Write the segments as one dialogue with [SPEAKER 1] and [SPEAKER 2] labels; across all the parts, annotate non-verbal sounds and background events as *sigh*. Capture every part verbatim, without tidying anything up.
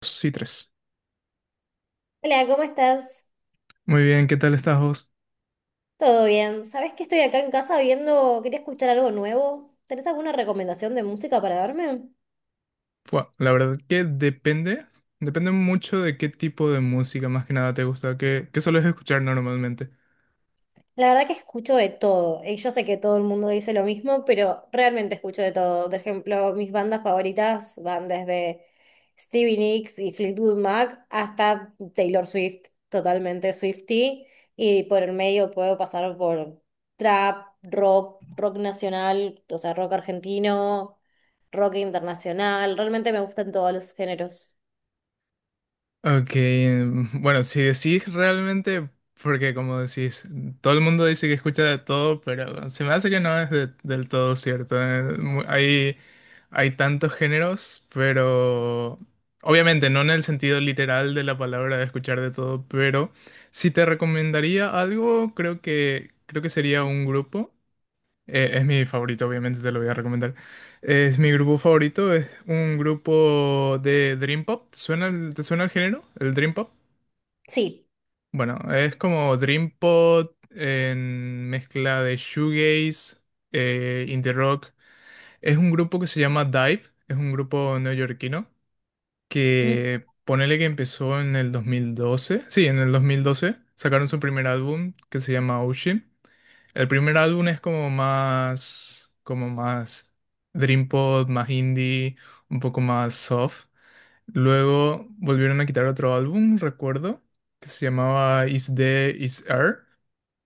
[SPEAKER 1] Sí, tres.
[SPEAKER 2] Hola, ¿cómo estás?
[SPEAKER 1] Muy bien, ¿qué tal estás vos?
[SPEAKER 2] ¿Todo bien? ¿Sabés que estoy acá en casa viendo, quería escuchar algo nuevo? ¿Tenés alguna recomendación de música para darme?
[SPEAKER 1] Fua, la verdad que depende, depende mucho de qué tipo de música más que nada te gusta, qué, qué sueles escuchar normalmente.
[SPEAKER 2] La verdad que escucho de todo. Y yo sé que todo el mundo dice lo mismo, pero realmente escucho de todo. Por ejemplo, mis bandas favoritas van desde Stevie Nicks y Fleetwood Mac hasta Taylor Swift, totalmente Swiftie. Y por el medio puedo pasar por trap, rock, rock nacional, o sea, rock argentino, rock internacional. Realmente me gustan todos los géneros.
[SPEAKER 1] Ok, mm, bueno, si decís realmente, porque como decís, todo el mundo dice que escucha de todo, pero se me hace que no es de- del todo cierto. eh, mu- Hay, hay tantos géneros, pero obviamente no en el sentido literal de la palabra de escuchar de todo, pero si te recomendaría algo, creo que, creo que sería un grupo. Eh, es mi favorito, obviamente te lo voy a recomendar. Es mi grupo favorito, es un grupo de Dream Pop. ¿Te suena el, te suena el género? ¿El Dream Pop?
[SPEAKER 2] Sí.
[SPEAKER 1] Bueno, es como Dream Pop en mezcla de shoegaze, eh, indie rock. Es un grupo que se llama Dive, es un grupo neoyorquino
[SPEAKER 2] Mm.
[SPEAKER 1] que ponele que empezó en el dos mil doce. Sí, en el dos mil doce sacaron su primer álbum que se llama Ocean. El primer álbum es como más, como más dream pop, más indie, un poco más soft. Luego volvieron a quitar otro álbum, recuerdo, que se llamaba Is The Is Air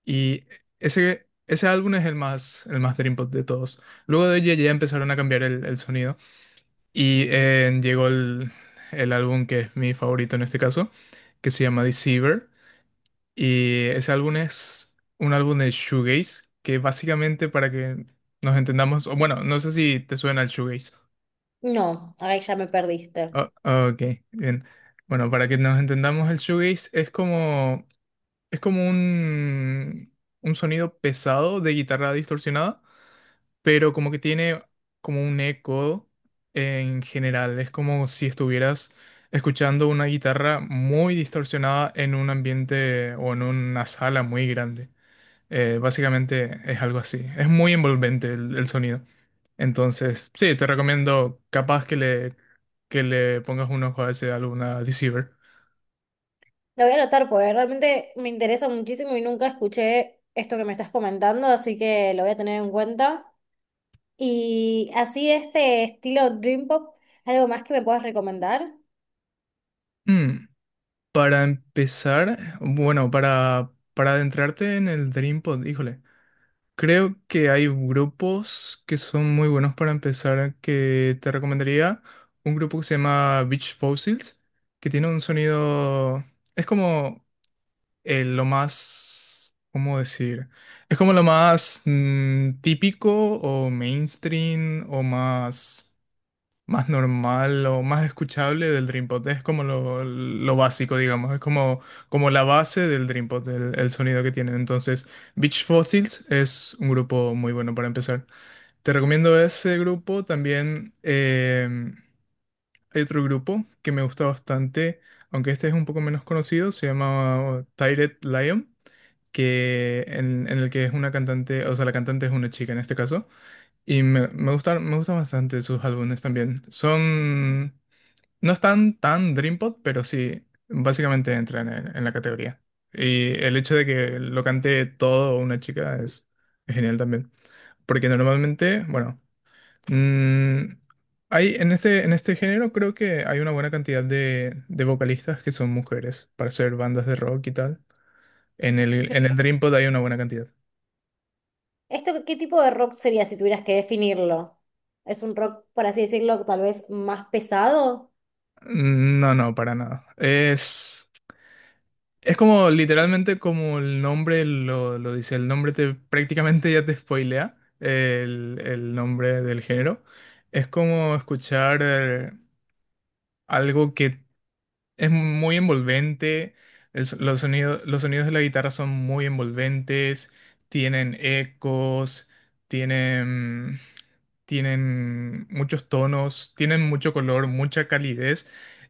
[SPEAKER 1] y ese ese álbum es el más el más dream pop de todos. Luego de ello ya empezaron a cambiar el, el sonido y eh, llegó el el álbum que es mi favorito en este caso, que se llama Deceiver y ese álbum es un álbum de shoegaze, que básicamente para que nos entendamos, o bueno, no sé si te suena el shoegaze.
[SPEAKER 2] No, ahí ya me perdiste.
[SPEAKER 1] Ah, ok, bien. Bueno, para que nos entendamos, el shoegaze es como, es como un, un sonido pesado de guitarra distorsionada, pero como que tiene como un eco en general. Es como si estuvieras escuchando una guitarra muy distorsionada en un ambiente o en una sala muy grande. Eh, básicamente es algo así. Es muy envolvente el, el sonido. Entonces, sí, te recomiendo capaz que le, que le pongas un ojo a ese álbum, a Deceiver.
[SPEAKER 2] Lo voy a anotar porque realmente me interesa muchísimo y nunca escuché esto que me estás comentando, así que lo voy a tener en cuenta. Y así este estilo Dream Pop, ¿algo más que me puedas recomendar?
[SPEAKER 1] Mm, para empezar, bueno, para, para adentrarte en el Dreampod, híjole, creo que hay grupos que son muy buenos para empezar, que te recomendaría un grupo que se llama Beach Fossils, que tiene un sonido, es como eh, lo más, ¿cómo decir? Es como lo más mm, típico o mainstream o más, más normal o más escuchable del Dreampod. Es como lo, lo básico, digamos. Es como, como la base del Dreampod, el, el sonido que tienen. Entonces, Beach Fossils es un grupo muy bueno para empezar. Te recomiendo ese grupo. También eh, hay otro grupo que me gusta bastante, aunque este es un poco menos conocido, se llama oh, Tired Lion, que en, en el que es una cantante, o sea, la cantante es una chica en este caso, y me, me gustan, me gustan bastante sus álbumes también. Son, no están tan Dream Pop, pero sí, básicamente entran en, en la categoría. Y el hecho de que lo cante todo una chica es es genial también. Porque normalmente, bueno, Mm, hay, en este, en este género creo que hay una buena cantidad de, de vocalistas que son mujeres para hacer bandas de rock y tal. En el, en el Dreampod hay una buena cantidad.
[SPEAKER 2] ¿Esto qué tipo de rock sería si tuvieras que definirlo? ¿Es un rock, por así decirlo, tal vez más pesado?
[SPEAKER 1] Mm, No, no, para nada. Es, es como literalmente como el nombre lo, lo dice. El nombre te prácticamente ya te spoilea el, el nombre del género. Es como escuchar eh, algo que. Es muy envolvente, el so- los sonidos, los sonidos de la guitarra son muy envolventes, tienen ecos, tienen, tienen muchos tonos, tienen mucho color, mucha calidez.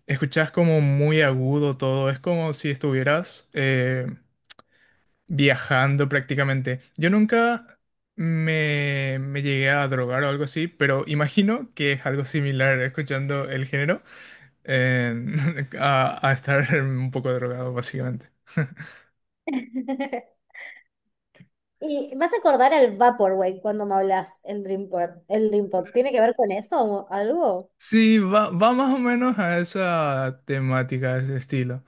[SPEAKER 1] Escuchas como muy agudo todo, es como si estuvieras eh, viajando prácticamente. Yo nunca me, me llegué a drogar o algo así, pero imagino que es algo similar escuchando el género en- *laughs* a, a estar un poco drogado, básicamente.
[SPEAKER 2] *laughs* Y vas a acordar al Vaporwave cuando me hablas el Dream Pop, el Dream Pop. ¿Tiene que ver con eso o algo?
[SPEAKER 1] Sí, va, va más o menos a esa temática, a ese estilo.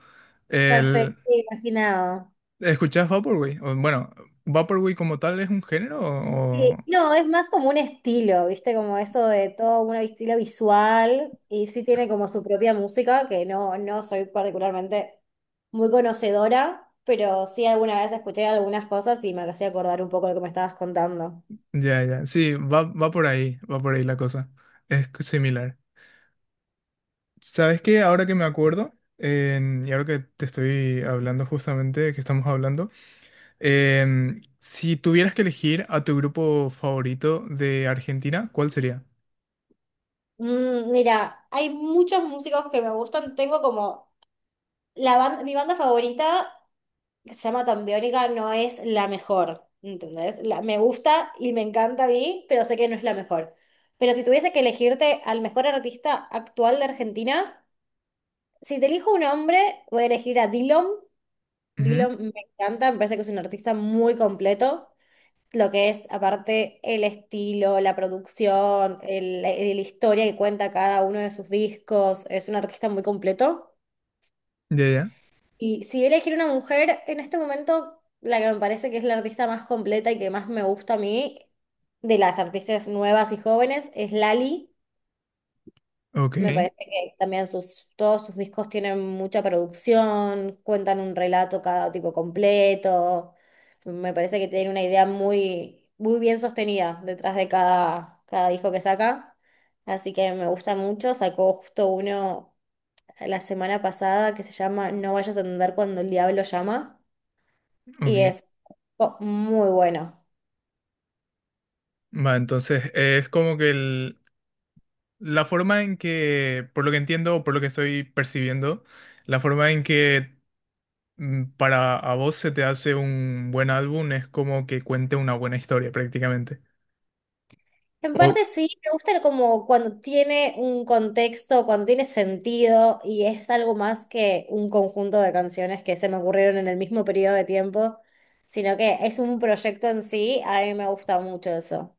[SPEAKER 1] El,
[SPEAKER 2] Perfecto, imaginado.
[SPEAKER 1] ¿escuchás Vaporwave? O, bueno, ¿Vaporwave como tal es un género o...? O-
[SPEAKER 2] Sí, no, es más como un estilo, ¿viste? Como eso de todo un estilo visual y sí tiene como su propia música, que no, no soy particularmente muy conocedora, pero sí alguna vez escuché algunas cosas y me hacía acordar un poco de lo que me estabas contando.
[SPEAKER 1] Ya, ya, sí, va, va por ahí, va por ahí la cosa. Es similar. ¿Sabes qué? Ahora que me acuerdo, en- y ahora que te estoy hablando justamente, que estamos hablando, em, si tuvieras que elegir a tu grupo favorito de Argentina, ¿cuál sería?
[SPEAKER 2] Mm, mira, hay muchos músicos que me gustan, tengo como la banda, mi banda favorita que se llama tan biónica no es la mejor, ¿entendés? La, me gusta y me encanta a mí, pero sé que no es la mejor. Pero si tuviese que elegirte al mejor artista actual de Argentina, si te elijo un hombre, voy a elegir a Dillom.
[SPEAKER 1] Ujú.
[SPEAKER 2] Dillom me encanta, me parece que es un artista muy completo. Lo que es, aparte, el estilo, la producción, el, el- la historia que cuenta cada uno de sus discos, es un artista muy completo.
[SPEAKER 1] Ya, ya.
[SPEAKER 2] Y si voy a elegir una mujer, en este momento la que me parece que es la artista más completa y que más me gusta a mí, de las artistas nuevas y jóvenes, es Lali.
[SPEAKER 1] Ok,
[SPEAKER 2] Me parece que también sus, todos sus discos tienen mucha producción, cuentan un relato cada tipo completo. Me parece que tiene una idea muy, muy bien sostenida detrás de cada, cada disco que saca. Así que me gusta mucho. Sacó justo uno la semana pasada que se llama No vayas a atender cuando el diablo llama y
[SPEAKER 1] ok.
[SPEAKER 2] es co- muy bueno.
[SPEAKER 1] Va, entonces es como que el- la forma en que, por lo que entiendo o por lo que estoy percibiendo, la forma en que mm, para a vos se te hace un buen álbum es como que cuente una buena historia prácticamente.
[SPEAKER 2] En parte sí, me gusta como cuando tiene un contexto, cuando tiene sentido y es algo más que un conjunto de canciones que se me ocurrieron en el mismo periodo de tiempo, sino que es un proyecto en sí, a mí me gusta mucho eso.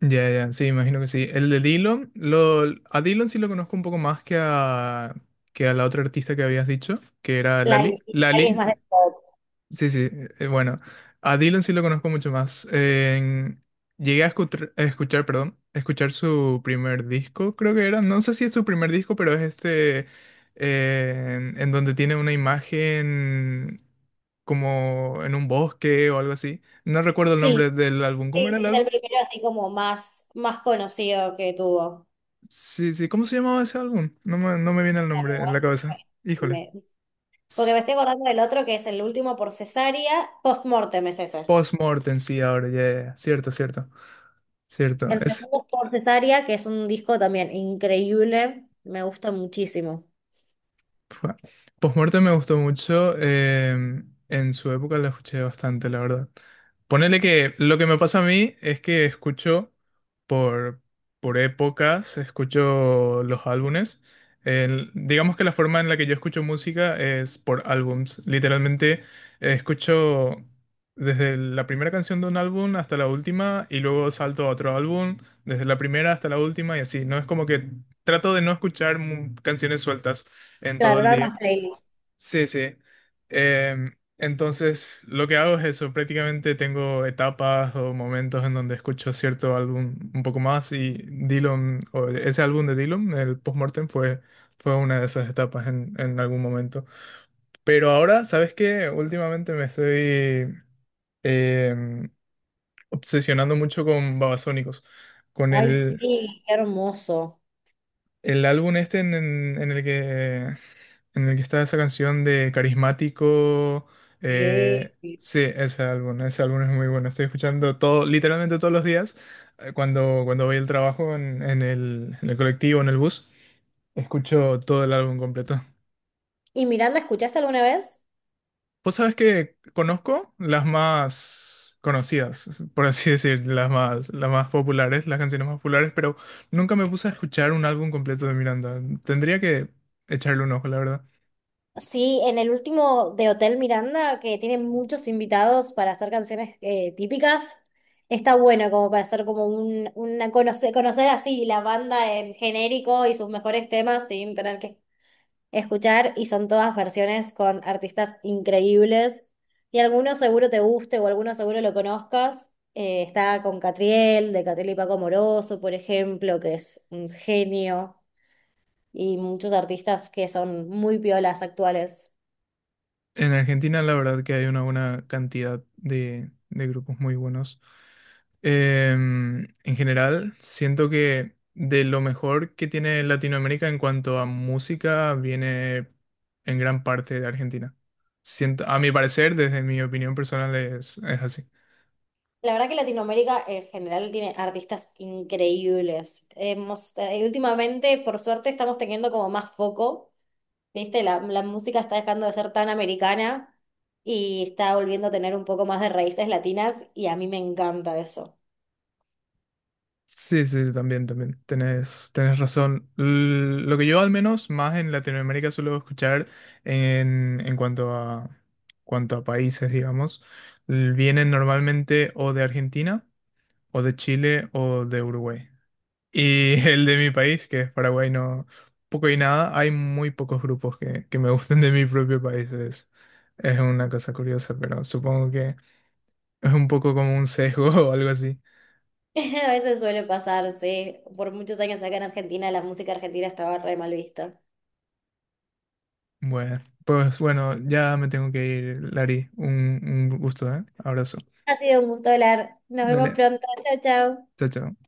[SPEAKER 1] Ya, ya, sí, imagino que sí. El de Dillon, lo, a Dillon sí lo conozco un poco más que a, que a la otra artista que habías dicho, que era
[SPEAKER 2] La
[SPEAKER 1] Lali.
[SPEAKER 2] cali es
[SPEAKER 1] Lali,
[SPEAKER 2] más de pop.
[SPEAKER 1] sí, sí, eh, bueno, a Dillon sí lo conozco mucho más. En- llegué a escuchar, a escuchar, perdón, a escuchar su primer disco, creo que era, no sé si es su primer disco, pero es este, eh, en en donde tiene una imagen como en un bosque o algo así. No recuerdo el nombre
[SPEAKER 2] Sí,
[SPEAKER 1] del álbum, ¿cómo
[SPEAKER 2] sí,
[SPEAKER 1] era el
[SPEAKER 2] es el
[SPEAKER 1] álbum?
[SPEAKER 2] primero así como más, más conocido que tuvo.
[SPEAKER 1] Sí, sí, ¿cómo se llamaba ese álbum? No me, no me viene el nombre en la cabeza. Híjole.
[SPEAKER 2] Me- Porque
[SPEAKER 1] S-
[SPEAKER 2] me estoy acordando del otro que es el último por cesárea, post-mortem es ese.
[SPEAKER 1] Postmortem, sí, ahora, ya, ya, ya. Cierto, cierto. Cierto.
[SPEAKER 2] El segundo por cesárea, que es un disco también increíble, me gusta muchísimo.
[SPEAKER 1] Fua. Postmortem me gustó mucho. Em, en su época la escuché bastante, la verdad. Ponele que lo que me pasa a mí es que escucho por, por épocas, escucho los álbumes. El- digamos que la forma en la que yo escucho música es por álbums. Literalmente eh, escucho desde la primera canción de un álbum hasta la última y luego salto a otro álbum, desde la primera hasta la última y así. No es como que trato de no escuchar mu- canciones sueltas en todo
[SPEAKER 2] Claro,
[SPEAKER 1] el
[SPEAKER 2] era
[SPEAKER 1] día.
[SPEAKER 2] más playlist.
[SPEAKER 1] Sí, sí. Em, entonces, lo que hago es eso. Prácticamente tengo etapas o momentos en donde escucho cierto álbum un poco más y Dylan, o ese álbum de Dylan, el Postmortem, fue, fue una de esas etapas en, en algún momento. Pero ahora, ¿sabes qué? Últimamente me estoy em, obsesionando mucho con Babasónicos, con
[SPEAKER 2] Ay,
[SPEAKER 1] el,
[SPEAKER 2] sí, qué hermoso.
[SPEAKER 1] El álbum este en, en- en el que, en el que está esa canción de Carismático. Eh,
[SPEAKER 2] Sí.
[SPEAKER 1] sí, ese álbum, ese álbum es muy bueno. Estoy escuchando todo, literalmente todos los días, eh, cuando, cuando voy al trabajo en, en el, en el colectivo, en el bus, escucho todo el álbum completo.
[SPEAKER 2] ¿Y Miranda, escuchaste alguna vez?
[SPEAKER 1] Vos sabés que conozco las más conocidas, por así *laughs* decir, las más, las más populares, las canciones más populares, pero nunca me puse a escuchar un álbum completo de Miranda. Tendría que echarle un ojo, la verdad.
[SPEAKER 2] Sí, en el último de Hotel Miranda, que tiene muchos invitados para hacer canciones eh, típicas, está bueno como para hacer como un, una conocer, conocer así la banda en genérico y sus mejores temas sin tener que escuchar y son todas versiones con artistas increíbles. Y alguno seguro te guste o alguno seguro lo conozcas. Eh, está con Catriel, de Catriel y Paco Moroso, por ejemplo, que es un genio, y muchos artistas que son muy piolas actuales.
[SPEAKER 1] En Argentina la verdad que hay una buena cantidad de, de grupos muy buenos. Em, en general, siento que de lo mejor que tiene Latinoamérica en cuanto a música viene en gran parte de Argentina. Siento, a mi parecer, desde mi opinión personal, es, es así.
[SPEAKER 2] La verdad que Latinoamérica en general tiene artistas increíbles. Hemos, eh, últimamente, por suerte, estamos teniendo como más foco. ¿Viste? La, la música está dejando de ser tan americana y está volviendo a tener un poco más de raíces latinas y a mí me encanta eso.
[SPEAKER 1] Sí, sí, sí, también, también. Tenés, tenés razón. L- Lo que yo al menos más en Latinoamérica suelo escuchar en, en cuanto a, cuanto a países, digamos, l- vienen normalmente o de Argentina, o de Chile, o de Uruguay. Y *laughs* el de mi país, que es Paraguay, no, poco y nada, hay muy pocos grupos que, que me gusten de mi propio país. Es, es una cosa curiosa, pero supongo que es un poco como un sesgo *laughs* o algo así.
[SPEAKER 2] *laughs* A veces suele pasar, sí. Por muchos años acá en Argentina la música argentina estaba re mal vista.
[SPEAKER 1] Bueno, pues bueno, ya me tengo que ir, Lari. Un, un gusto, ¿eh? Abrazo.
[SPEAKER 2] Ha sido un gusto hablar. Nos vemos
[SPEAKER 1] Dale,
[SPEAKER 2] pronto. Chao, chao.
[SPEAKER 1] chao, chao.